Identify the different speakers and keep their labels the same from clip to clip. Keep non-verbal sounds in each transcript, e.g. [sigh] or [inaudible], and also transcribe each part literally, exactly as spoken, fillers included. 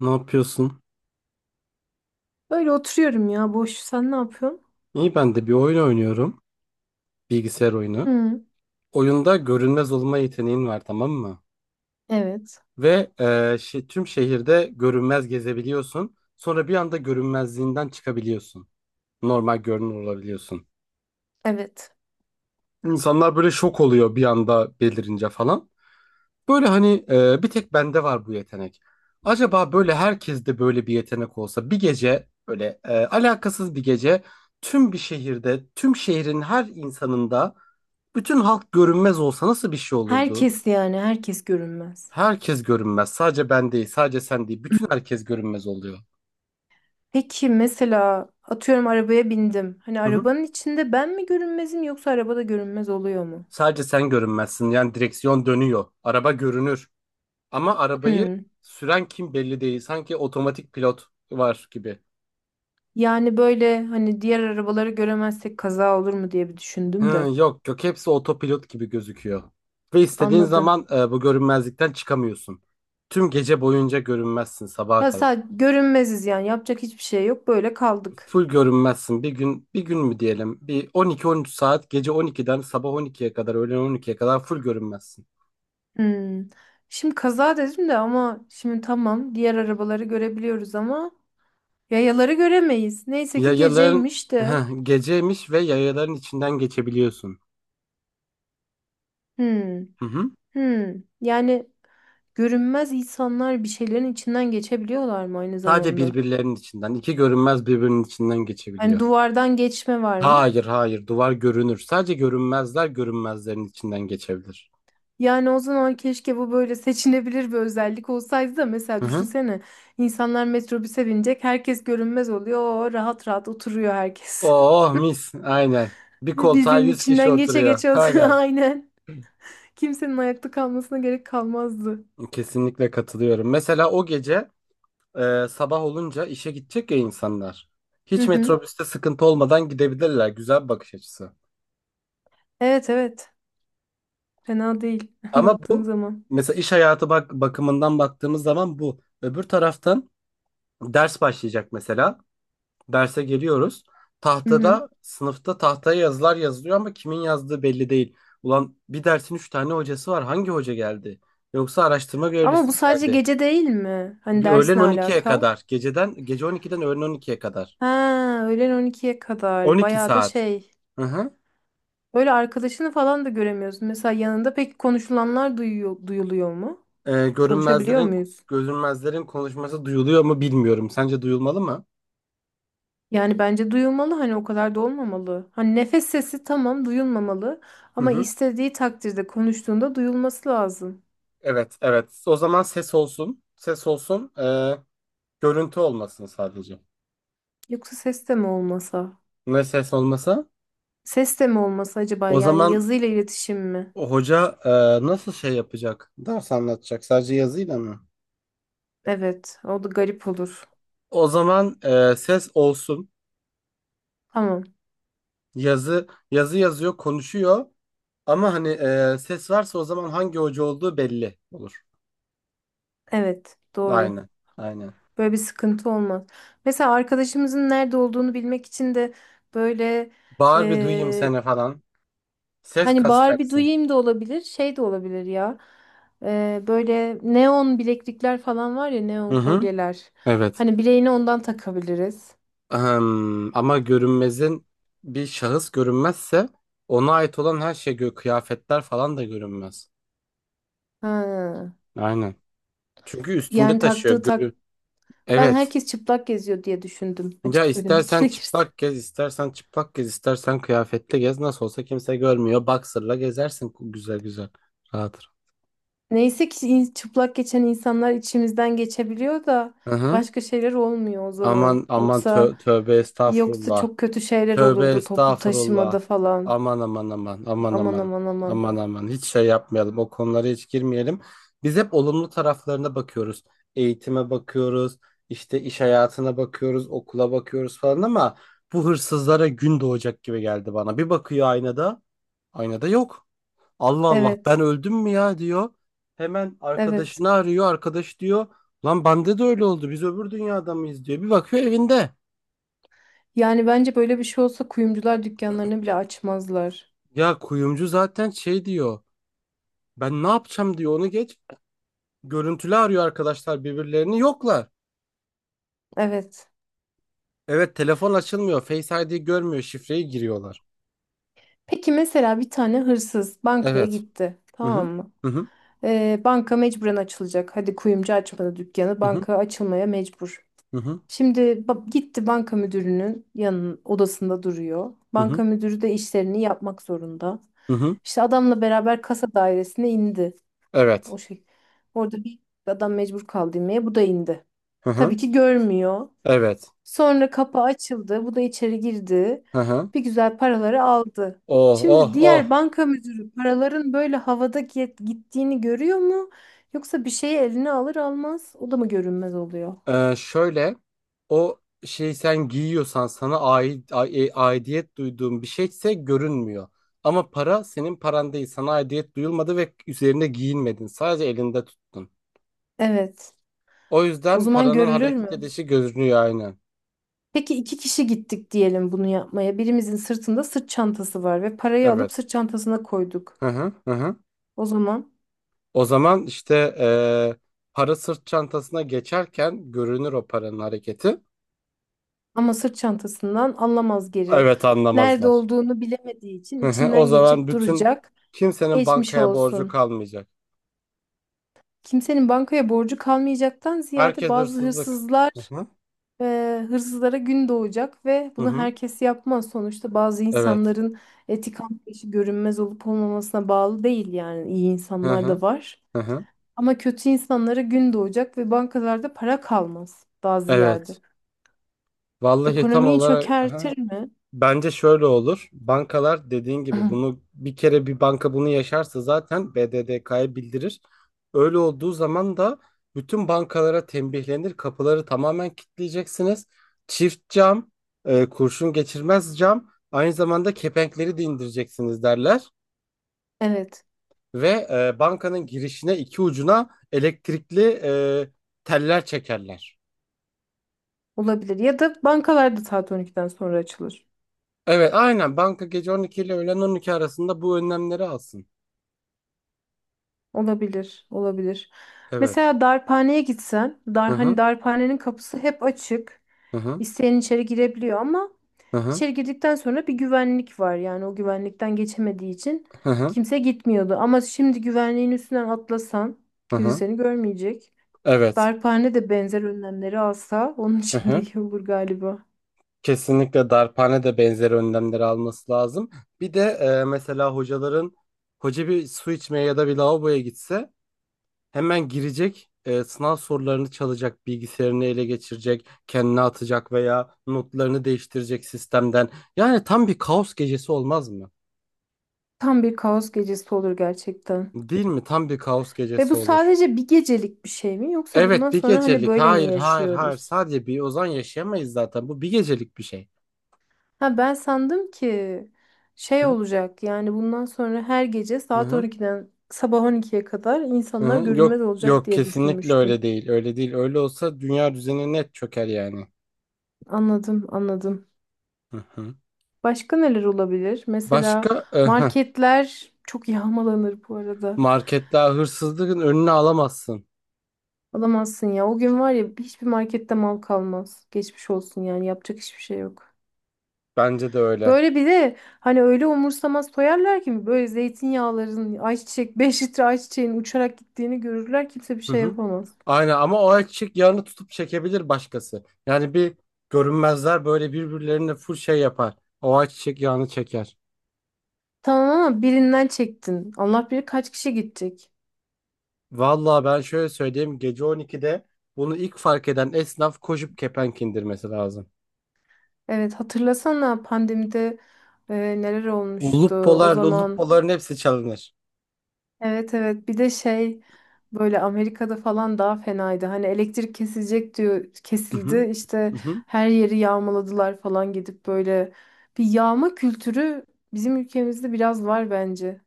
Speaker 1: Ne yapıyorsun?
Speaker 2: Öyle oturuyorum ya, boş. Sen ne yapıyorsun?
Speaker 1: İyi ben de bir oyun oynuyorum. Bilgisayar oyunu.
Speaker 2: Hı.
Speaker 1: Oyunda görünmez olma yeteneğin var, tamam mı?
Speaker 2: Evet.
Speaker 1: Ve e, şe- Tüm şehirde görünmez gezebiliyorsun. Sonra bir anda görünmezliğinden çıkabiliyorsun. Normal görünür olabiliyorsun.
Speaker 2: Evet.
Speaker 1: İnsanlar böyle şok oluyor bir anda belirince falan. Böyle hani e, bir tek bende var bu yetenek. Acaba böyle herkeste böyle bir yetenek olsa bir gece böyle e, alakasız bir gece tüm bir şehirde, tüm şehrin her insanında bütün halk görünmez olsa nasıl bir şey olurdu?
Speaker 2: Herkes, yani herkes görünmez.
Speaker 1: Herkes görünmez. Sadece ben değil, sadece sen değil. Bütün herkes görünmez oluyor.
Speaker 2: Peki, mesela atıyorum, arabaya bindim. Hani
Speaker 1: Hı hı.
Speaker 2: arabanın içinde ben mi görünmezim, yoksa arabada görünmez oluyor mu?
Speaker 1: Sadece sen görünmezsin. Yani direksiyon dönüyor. Araba görünür. Ama arabayı
Speaker 2: Hı.
Speaker 1: süren kim belli değil. Sanki otomatik pilot var gibi.
Speaker 2: Yani böyle, hani diğer arabaları göremezsek kaza olur mu diye bir
Speaker 1: Hı,
Speaker 2: düşündüm de.
Speaker 1: Yok yok, hepsi otopilot gibi gözüküyor. Ve istediğin
Speaker 2: Anladım.
Speaker 1: zaman e, bu görünmezlikten çıkamıyorsun. Tüm gece boyunca görünmezsin sabaha
Speaker 2: Ya
Speaker 1: kadar.
Speaker 2: sadece görünmeziz yani, yapacak hiçbir şey yok, böyle kaldık.
Speaker 1: Full görünmezsin. Bir gün bir gün mü diyelim? Bir on iki on üç saat, gece on ikiden sabah on ikiye kadar, öğlen on ikiye kadar full görünmezsin.
Speaker 2: Hı. Şimdi kaza dedim de ama şimdi, tamam, diğer arabaları görebiliyoruz ama yayaları göremeyiz. Neyse ki
Speaker 1: Yayaların
Speaker 2: geceymiş de.
Speaker 1: [laughs] geceymiş ve yayaların içinden geçebiliyorsun.
Speaker 2: Hmm.
Speaker 1: Hı hı.
Speaker 2: Hmm. Yani görünmez insanlar bir şeylerin içinden geçebiliyorlar mı aynı
Speaker 1: Sadece
Speaker 2: zamanda?
Speaker 1: birbirlerinin içinden. İki görünmez birbirinin içinden
Speaker 2: Hani
Speaker 1: geçebiliyor.
Speaker 2: duvardan geçme var mı?
Speaker 1: Hayır hayır, duvar görünür. Sadece görünmezler görünmezlerin içinden geçebilir.
Speaker 2: Yani o zaman keşke bu böyle seçinebilir bir özellik olsaydı da, mesela
Speaker 1: Hı hı.
Speaker 2: düşünsene, insanlar metrobüse binecek, herkes görünmez oluyor, Oo, rahat rahat oturuyor herkes.
Speaker 1: Oh mis, aynen. Bir
Speaker 2: [laughs]
Speaker 1: koltuğa
Speaker 2: Birbirinin
Speaker 1: yüz kişi
Speaker 2: içinden geçe
Speaker 1: oturuyor.
Speaker 2: geçe oturuyor, [laughs]
Speaker 1: Aynen.
Speaker 2: aynen. Kimsenin ayakta kalmasına gerek kalmazdı.
Speaker 1: Kesinlikle katılıyorum. Mesela o gece e, sabah olunca işe gidecek ya insanlar.
Speaker 2: Hı
Speaker 1: Hiç
Speaker 2: hı.
Speaker 1: metrobüste sıkıntı olmadan gidebilirler. Güzel bir bakış açısı.
Speaker 2: Evet, evet, fena değil [laughs]
Speaker 1: Ama
Speaker 2: baktığın
Speaker 1: bu,
Speaker 2: zaman.
Speaker 1: mesela iş hayatı bak bakımından baktığımız zaman bu. Öbür taraftan ders başlayacak mesela. Derse geliyoruz.
Speaker 2: Hı hı.
Speaker 1: Tahtada, sınıfta tahtaya yazılar yazılıyor ama kimin yazdığı belli değil. Ulan, bir dersin üç tane hocası var. Hangi hoca geldi? Yoksa araştırma
Speaker 2: Ama
Speaker 1: görevlisi
Speaker 2: bu
Speaker 1: mi
Speaker 2: sadece
Speaker 1: geldi?
Speaker 2: gece değil mi? Hani
Speaker 1: Öğlen
Speaker 2: ders ne
Speaker 1: on ikiye
Speaker 2: alaka?
Speaker 1: kadar. Geceden, gece on iki'den öğlen on ikiye kadar.
Speaker 2: Ha, öğlen on ikiye
Speaker 1: on
Speaker 2: kadar.
Speaker 1: iki
Speaker 2: Bayağı da
Speaker 1: saat.
Speaker 2: şey.
Speaker 1: Hı hı.
Speaker 2: Böyle arkadaşını falan da göremiyorsun. Mesela yanında, peki konuşulanlar duyuyor, duyuluyor mu?
Speaker 1: Ee,
Speaker 2: Konuşabiliyor
Speaker 1: görünmezlerin,
Speaker 2: muyuz?
Speaker 1: görünmezlerin konuşması duyuluyor mu bilmiyorum. Sence duyulmalı mı?
Speaker 2: Yani bence duyulmalı, hani o kadar da olmamalı. Hani nefes sesi, tamam, duyulmamalı
Speaker 1: Hı
Speaker 2: ama
Speaker 1: hı.
Speaker 2: istediği takdirde konuştuğunda duyulması lazım.
Speaker 1: Evet, evet. O zaman ses olsun. Ses olsun. Ee, görüntü olmasın sadece.
Speaker 2: Yoksa ses de mi olmasa?
Speaker 1: Ne ses olmasa?
Speaker 2: Ses de mi olmasa acaba,
Speaker 1: O
Speaker 2: yani
Speaker 1: zaman
Speaker 2: yazıyla iletişim mi?
Speaker 1: o hoca e, nasıl şey yapacak? Ders anlatacak. Sadece yazıyla mı?
Speaker 2: Evet, o da garip olur.
Speaker 1: O zaman e, ses olsun.
Speaker 2: Tamam.
Speaker 1: Yazı yazı yazıyor, konuşuyor. Ama hani e, ses varsa o zaman hangi hoca olduğu belli olur.
Speaker 2: Evet, doğru.
Speaker 1: Aynen. Aynen.
Speaker 2: Böyle bir sıkıntı olmaz. Mesela arkadaşımızın nerede olduğunu bilmek için de böyle
Speaker 1: Bağır bir duyayım
Speaker 2: e,
Speaker 1: seni falan. Ses
Speaker 2: hani bağır bir
Speaker 1: kasacaksın.
Speaker 2: duyayım da olabilir, şey de olabilir ya. E, böyle neon bileklikler falan var ya,
Speaker 1: Hı
Speaker 2: neon
Speaker 1: hı.
Speaker 2: kolyeler.
Speaker 1: Evet.
Speaker 2: Hani bileğine ondan takabiliriz.
Speaker 1: Ahem, ama görünmezin bir şahıs görünmezse ona ait olan her şey gö- kıyafetler falan da görünmez.
Speaker 2: Ha.
Speaker 1: Aynen. Çünkü üstünde
Speaker 2: Yani
Speaker 1: taşıyor.
Speaker 2: taktığı tak.
Speaker 1: Görü
Speaker 2: Ben
Speaker 1: evet.
Speaker 2: herkes çıplak geziyor diye düşündüm.
Speaker 1: Ya
Speaker 2: Açık söylemek [laughs]
Speaker 1: istersen
Speaker 2: gerekirse.
Speaker 1: çıplak gez, istersen çıplak gez, istersen kıyafetle gez. Nasıl olsa kimse görmüyor. Boxer'la gezersin güzel güzel. Rahat.
Speaker 2: Neyse ki in- çıplak geçen insanlar içimizden geçebiliyor da
Speaker 1: Hı hı.
Speaker 2: başka şeyler olmuyor o
Speaker 1: Aman
Speaker 2: zaman.
Speaker 1: aman tö-
Speaker 2: Yoksa
Speaker 1: tövbe
Speaker 2: yoksa
Speaker 1: estağfurullah.
Speaker 2: çok kötü şeyler
Speaker 1: Tövbe
Speaker 2: olurdu toplu taşımada
Speaker 1: estağfurullah.
Speaker 2: falan.
Speaker 1: Aman aman aman aman
Speaker 2: Aman
Speaker 1: aman.
Speaker 2: aman aman.
Speaker 1: Aman aman, hiç şey yapmayalım. O konulara hiç girmeyelim. Biz hep olumlu taraflarına bakıyoruz. Eğitime bakıyoruz. İşte iş hayatına bakıyoruz, okula bakıyoruz falan ama bu hırsızlara gün doğacak gibi geldi bana. Bir bakıyor aynada, aynada yok. Allah Allah,
Speaker 2: Evet.
Speaker 1: ben öldüm mü ya diyor. Hemen
Speaker 2: Evet.
Speaker 1: arkadaşını arıyor. Arkadaş diyor, lan bende de öyle oldu. Biz öbür dünyada mıyız diyor. Bir bakıyor evinde.
Speaker 2: Yani bence böyle bir şey olsa kuyumcular dükkanlarını bile açmazlar.
Speaker 1: Ya kuyumcu zaten şey diyor. Ben ne yapacağım diyor, onu geç. Görüntülü arıyor arkadaşlar, birbirlerini yoklar.
Speaker 2: Evet.
Speaker 1: Evet, telefon açılmıyor. Face I D görmüyor. Şifreyi giriyorlar.
Speaker 2: Peki mesela bir tane hırsız bankaya
Speaker 1: Evet.
Speaker 2: gitti.
Speaker 1: Hı
Speaker 2: Tamam
Speaker 1: hı.
Speaker 2: mı?
Speaker 1: Hı hı.
Speaker 2: Ee, banka mecburen açılacak. Hadi kuyumcu açmadı dükkanı.
Speaker 1: Hı hı.
Speaker 2: Banka açılmaya mecbur.
Speaker 1: Hı hı.
Speaker 2: Şimdi ba- gitti, banka müdürünün yanın odasında duruyor.
Speaker 1: Hı hı.
Speaker 2: Banka müdürü de işlerini yapmak zorunda.
Speaker 1: Hı hı.
Speaker 2: İşte adamla beraber kasa dairesine indi.
Speaker 1: Evet.
Speaker 2: O şey. Orada bir adam mecbur kaldı inmeye. Bu da indi.
Speaker 1: Hı
Speaker 2: Tabii
Speaker 1: hı.
Speaker 2: ki görmüyor.
Speaker 1: Evet.
Speaker 2: Sonra kapı açıldı. Bu da içeri girdi.
Speaker 1: Hı hı.
Speaker 2: Bir güzel paraları aldı.
Speaker 1: Oh oh
Speaker 2: Şimdi
Speaker 1: oh.
Speaker 2: diğer banka müdürü paraların böyle havada git- gittiğini görüyor mu? Yoksa bir şeyi eline alır almaz o da mı görünmez oluyor?
Speaker 1: Ee, şöyle o şey, sen giyiyorsan sana ait a- e- aidiyet duyduğun bir şeyse görünmüyor. Ama para senin paran değil. Sana aidiyet duyulmadı ve üzerinde giyinmedin. Sadece elinde tuttun.
Speaker 2: Evet.
Speaker 1: O
Speaker 2: O
Speaker 1: yüzden
Speaker 2: zaman
Speaker 1: paranın
Speaker 2: görülür
Speaker 1: hareket
Speaker 2: mü?
Speaker 1: edişi görünüyor, aynen.
Speaker 2: Peki iki kişi gittik diyelim bunu yapmaya. Birimizin sırtında sırt çantası var ve parayı
Speaker 1: Evet.
Speaker 2: alıp sırt çantasına koyduk.
Speaker 1: Hı hı hı. Hı.
Speaker 2: O zaman
Speaker 1: O zaman işte eee, para sırt çantasına geçerken görünür o paranın hareketi.
Speaker 2: ama sırt çantasından anlamaz geri.
Speaker 1: Evet,
Speaker 2: Nerede
Speaker 1: anlamazlar.
Speaker 2: olduğunu bilemediği için
Speaker 1: Hı hı. O
Speaker 2: içinden
Speaker 1: zaman
Speaker 2: geçip
Speaker 1: bütün
Speaker 2: duracak.
Speaker 1: kimsenin
Speaker 2: Geçmiş
Speaker 1: bankaya borcu
Speaker 2: olsun.
Speaker 1: kalmayacak.
Speaker 2: Kimsenin bankaya borcu kalmayacaktan ziyade,
Speaker 1: Herkes
Speaker 2: bazı
Speaker 1: hırsızlık.
Speaker 2: hırsızlar
Speaker 1: Hı hı.
Speaker 2: e, hırsızlara gün doğacak ve
Speaker 1: Hı
Speaker 2: bunu
Speaker 1: hı.
Speaker 2: herkes yapmaz. Sonuçta bazı
Speaker 1: Evet.
Speaker 2: insanların etik anlayışı görünmez olup olmamasına bağlı değil, yani iyi
Speaker 1: Hı
Speaker 2: insanlar da
Speaker 1: hı.
Speaker 2: var.
Speaker 1: Hı hı.
Speaker 2: Ama kötü insanlara gün doğacak ve bankalarda para kalmaz, daha
Speaker 1: Evet.
Speaker 2: ziyade.
Speaker 1: Vallahi tam
Speaker 2: Ekonomiyi
Speaker 1: olarak, hı.
Speaker 2: çökertir mi?
Speaker 1: Bence şöyle olur. Bankalar dediğin gibi, bunu
Speaker 2: [clears throat]
Speaker 1: bir kere bir banka bunu yaşarsa zaten B D D K'ya bildirir. Öyle olduğu zaman da bütün bankalara tembihlenir. Kapıları tamamen kilitleyeceksiniz. Çift cam, e, kurşun geçirmez cam, aynı zamanda kepenkleri de indireceksiniz derler.
Speaker 2: Evet,
Speaker 1: ve e, bankanın girişine iki ucuna elektrikli e, teller çekerler.
Speaker 2: olabilir. Ya da bankalar da saat on ikiden sonra açılır.
Speaker 1: Evet, aynen. Banka gece on iki ile öğlen on iki arasında bu önlemleri alsın.
Speaker 2: Olabilir, olabilir.
Speaker 1: Evet.
Speaker 2: Mesela darphaneye gitsen,
Speaker 1: Hı
Speaker 2: dar, hani
Speaker 1: hı.
Speaker 2: darphanenin kapısı hep açık.
Speaker 1: Hı hı.
Speaker 2: İsteyen içeri girebiliyor ama
Speaker 1: Hı hı.
Speaker 2: içeri girdikten sonra bir güvenlik var. Yani o güvenlikten geçemediği için
Speaker 1: Hı hı.
Speaker 2: kimse gitmiyordu. Ama şimdi güvenliğin üstünden atlasan
Speaker 1: Hı
Speaker 2: kimse
Speaker 1: hı.
Speaker 2: seni görmeyecek.
Speaker 1: Evet.
Speaker 2: Darphane de benzer önlemleri alsa onun [laughs]
Speaker 1: Hı
Speaker 2: için de
Speaker 1: hı.
Speaker 2: iyi olur galiba.
Speaker 1: Kesinlikle darphane de benzeri önlemleri alması lazım. Bir de e, mesela hocaların hoca bir su içmeye ya da bir lavaboya gitse hemen girecek, e, sınav sorularını çalacak, bilgisayarını ele geçirecek, kendine atacak veya notlarını değiştirecek sistemden. Yani tam bir kaos gecesi olmaz mı?
Speaker 2: Tam bir kaos gecesi olur gerçekten.
Speaker 1: Değil mi? Tam bir kaos
Speaker 2: Ve
Speaker 1: gecesi
Speaker 2: bu
Speaker 1: olur.
Speaker 2: sadece bir gecelik bir şey mi, yoksa bundan
Speaker 1: Evet, bir
Speaker 2: sonra hani
Speaker 1: gecelik.
Speaker 2: böyle mi
Speaker 1: Hayır, hayır, hayır.
Speaker 2: yaşıyoruz?
Speaker 1: Sadece bir Ozan yaşayamayız zaten. Bu bir gecelik bir şey.
Speaker 2: Ha, ben sandım ki şey
Speaker 1: Hı
Speaker 2: olacak, yani bundan sonra her gece saat
Speaker 1: hı.
Speaker 2: on ikiden sabah on ikiye kadar
Speaker 1: Hı
Speaker 2: insanlar
Speaker 1: hı. Yok,
Speaker 2: görünmez olacak
Speaker 1: yok,
Speaker 2: diye
Speaker 1: kesinlikle öyle
Speaker 2: düşünmüştüm.
Speaker 1: değil. Öyle değil. Öyle olsa dünya düzeni net çöker yani.
Speaker 2: Anladım, anladım.
Speaker 1: Hı hı.
Speaker 2: Başka neler olabilir? Mesela
Speaker 1: Başka e, heh.
Speaker 2: marketler çok yağmalanır bu arada.
Speaker 1: Marketler hırsızlığın önüne alamazsın.
Speaker 2: Alamazsın ya. O gün var ya, hiçbir markette mal kalmaz. Geçmiş olsun, yani yapacak hiçbir şey yok.
Speaker 1: Bence de öyle.
Speaker 2: Böyle bir de hani öyle umursamaz soyarlar ki böyle zeytinyağların, ayçiçek, [laughs] beş litre ayçiçeğin uçarak gittiğini görürler, kimse bir
Speaker 1: Hı
Speaker 2: şey
Speaker 1: hı.
Speaker 2: yapamaz.
Speaker 1: Aynen, ama o erkek yağını tutup çekebilir başkası. Yani bir görünmezler böyle birbirlerine full şey yapar. O ayçiçek yağını çeker.
Speaker 2: Tamam ama birinden çektin. Allah bilir kaç kişi gidecek.
Speaker 1: Vallahi ben şöyle söyleyeyim, gece on ikide bunu ilk fark eden esnaf koşup kepenk indirmesi lazım.
Speaker 2: Evet, hatırlasana, pandemide e, neler olmuştu
Speaker 1: Ulup
Speaker 2: o
Speaker 1: polar, ulup
Speaker 2: zaman.
Speaker 1: poların hepsi çalınır.
Speaker 2: Evet, evet, bir de şey, böyle Amerika'da falan daha fenaydı. Hani elektrik kesilecek diyor,
Speaker 1: Hı hı.
Speaker 2: kesildi işte,
Speaker 1: Hı hı.
Speaker 2: her yeri yağmaladılar falan, gidip böyle bir yağma kültürü bizim ülkemizde biraz var bence.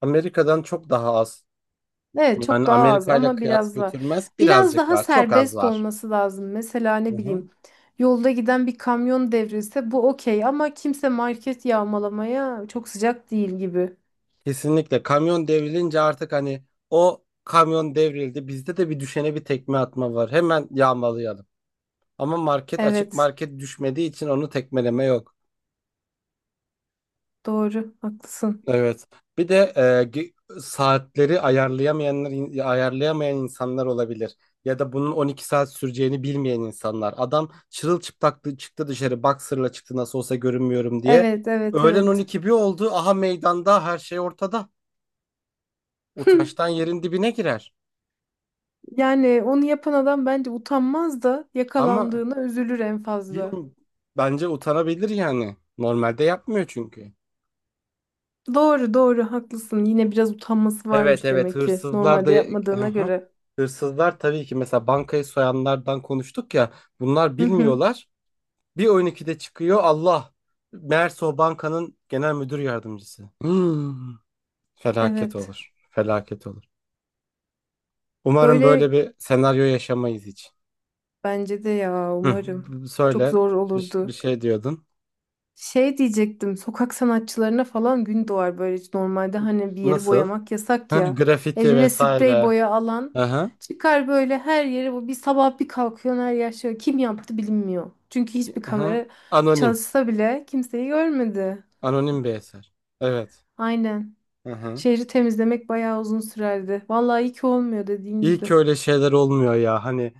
Speaker 1: Amerika'dan çok daha az.
Speaker 2: Evet, çok
Speaker 1: Yani
Speaker 2: daha az
Speaker 1: Amerika ile
Speaker 2: ama
Speaker 1: kıyas
Speaker 2: biraz var.
Speaker 1: götürmez.
Speaker 2: Biraz
Speaker 1: Birazcık
Speaker 2: daha
Speaker 1: var. Çok az
Speaker 2: serbest
Speaker 1: var.
Speaker 2: olması lazım. Mesela
Speaker 1: Hı
Speaker 2: ne
Speaker 1: hı.
Speaker 2: bileyim, yolda giden bir kamyon devrilse bu okey ama kimse market yağmalamaya çok sıcak değil gibi.
Speaker 1: Kesinlikle kamyon devrilince artık hani o kamyon devrildi. Bizde de bir düşene bir tekme atma var. Hemen yağmalayalım. Ama market açık,
Speaker 2: Evet,
Speaker 1: market düşmediği için onu tekmeleme yok.
Speaker 2: doğru, haklısın.
Speaker 1: Evet. Bir de e, ge- saatleri ayarlayamayanlar ayarlayamayan insanlar olabilir. Ya da bunun on iki saat süreceğini bilmeyen insanlar. Adam çırılçıplak çıktı dışarı boxer'la çıktı nasıl olsa görünmüyorum diye.
Speaker 2: Evet, evet,
Speaker 1: Öğlen
Speaker 2: evet.
Speaker 1: on iki bir oldu. Aha meydanda her şey ortada.
Speaker 2: [laughs]
Speaker 1: Utançtan yerin dibine girer.
Speaker 2: Yani onu yapan adam bence utanmaz da
Speaker 1: Ama
Speaker 2: yakalandığına üzülür en fazla.
Speaker 1: bilmiyorum. Bence utanabilir yani. Normalde yapmıyor çünkü.
Speaker 2: Doğru doğru haklısın. Yine biraz utanması
Speaker 1: Evet
Speaker 2: varmış
Speaker 1: evet,
Speaker 2: demek ki
Speaker 1: hırsızlar da.
Speaker 2: normalde
Speaker 1: Hı
Speaker 2: yapmadığına
Speaker 1: hı.
Speaker 2: göre.
Speaker 1: Hırsızlar tabii ki, mesela bankayı soyanlardan konuştuk ya, bunlar
Speaker 2: Hı hı.
Speaker 1: bilmiyorlar. Bir on ikide çıkıyor Allah. Meğerse o bankanın genel müdür yardımcısı. Hmm. Felaket
Speaker 2: Evet.
Speaker 1: olur. Felaket olur. Umarım böyle
Speaker 2: Böyle,
Speaker 1: bir senaryo yaşamayız hiç.
Speaker 2: bence de ya
Speaker 1: Hı.
Speaker 2: umarım. Çok
Speaker 1: Söyle
Speaker 2: zor
Speaker 1: bir, ş- bir
Speaker 2: olurdu.
Speaker 1: şey diyordun.
Speaker 2: Şey diyecektim, sokak sanatçılarına falan gün doğar böyle. Normalde hani bir yeri
Speaker 1: Nasıl?
Speaker 2: boyamak yasak
Speaker 1: Hı,
Speaker 2: ya.
Speaker 1: grafiti
Speaker 2: Eline sprey
Speaker 1: vesaire.
Speaker 2: boya alan
Speaker 1: Aha.
Speaker 2: çıkar böyle, her yeri, bu bir sabah bir kalkıyor her yer şey. Kim yaptı bilinmiyor. Çünkü hiçbir
Speaker 1: Aha.
Speaker 2: kamera
Speaker 1: Anonim.
Speaker 2: çalışsa bile kimseyi görmedi.
Speaker 1: Anonim bir eser. Evet.
Speaker 2: Aynen.
Speaker 1: Hı hı.
Speaker 2: Şehri temizlemek bayağı uzun sürerdi. Vallahi iyi ki olmuyor dediğin
Speaker 1: İyi
Speaker 2: gibi.
Speaker 1: ki öyle şeyler olmuyor ya. Hani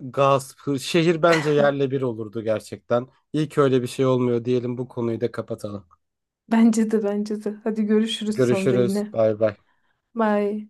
Speaker 1: gasp, hır- şehir bence yerle bir olurdu gerçekten. İyi ki öyle bir şey olmuyor diyelim, bu konuyu da kapatalım.
Speaker 2: [laughs] Bence de, bence de. Hadi görüşürüz sonra
Speaker 1: Görüşürüz.
Speaker 2: yine.
Speaker 1: Bay bay.
Speaker 2: Bye.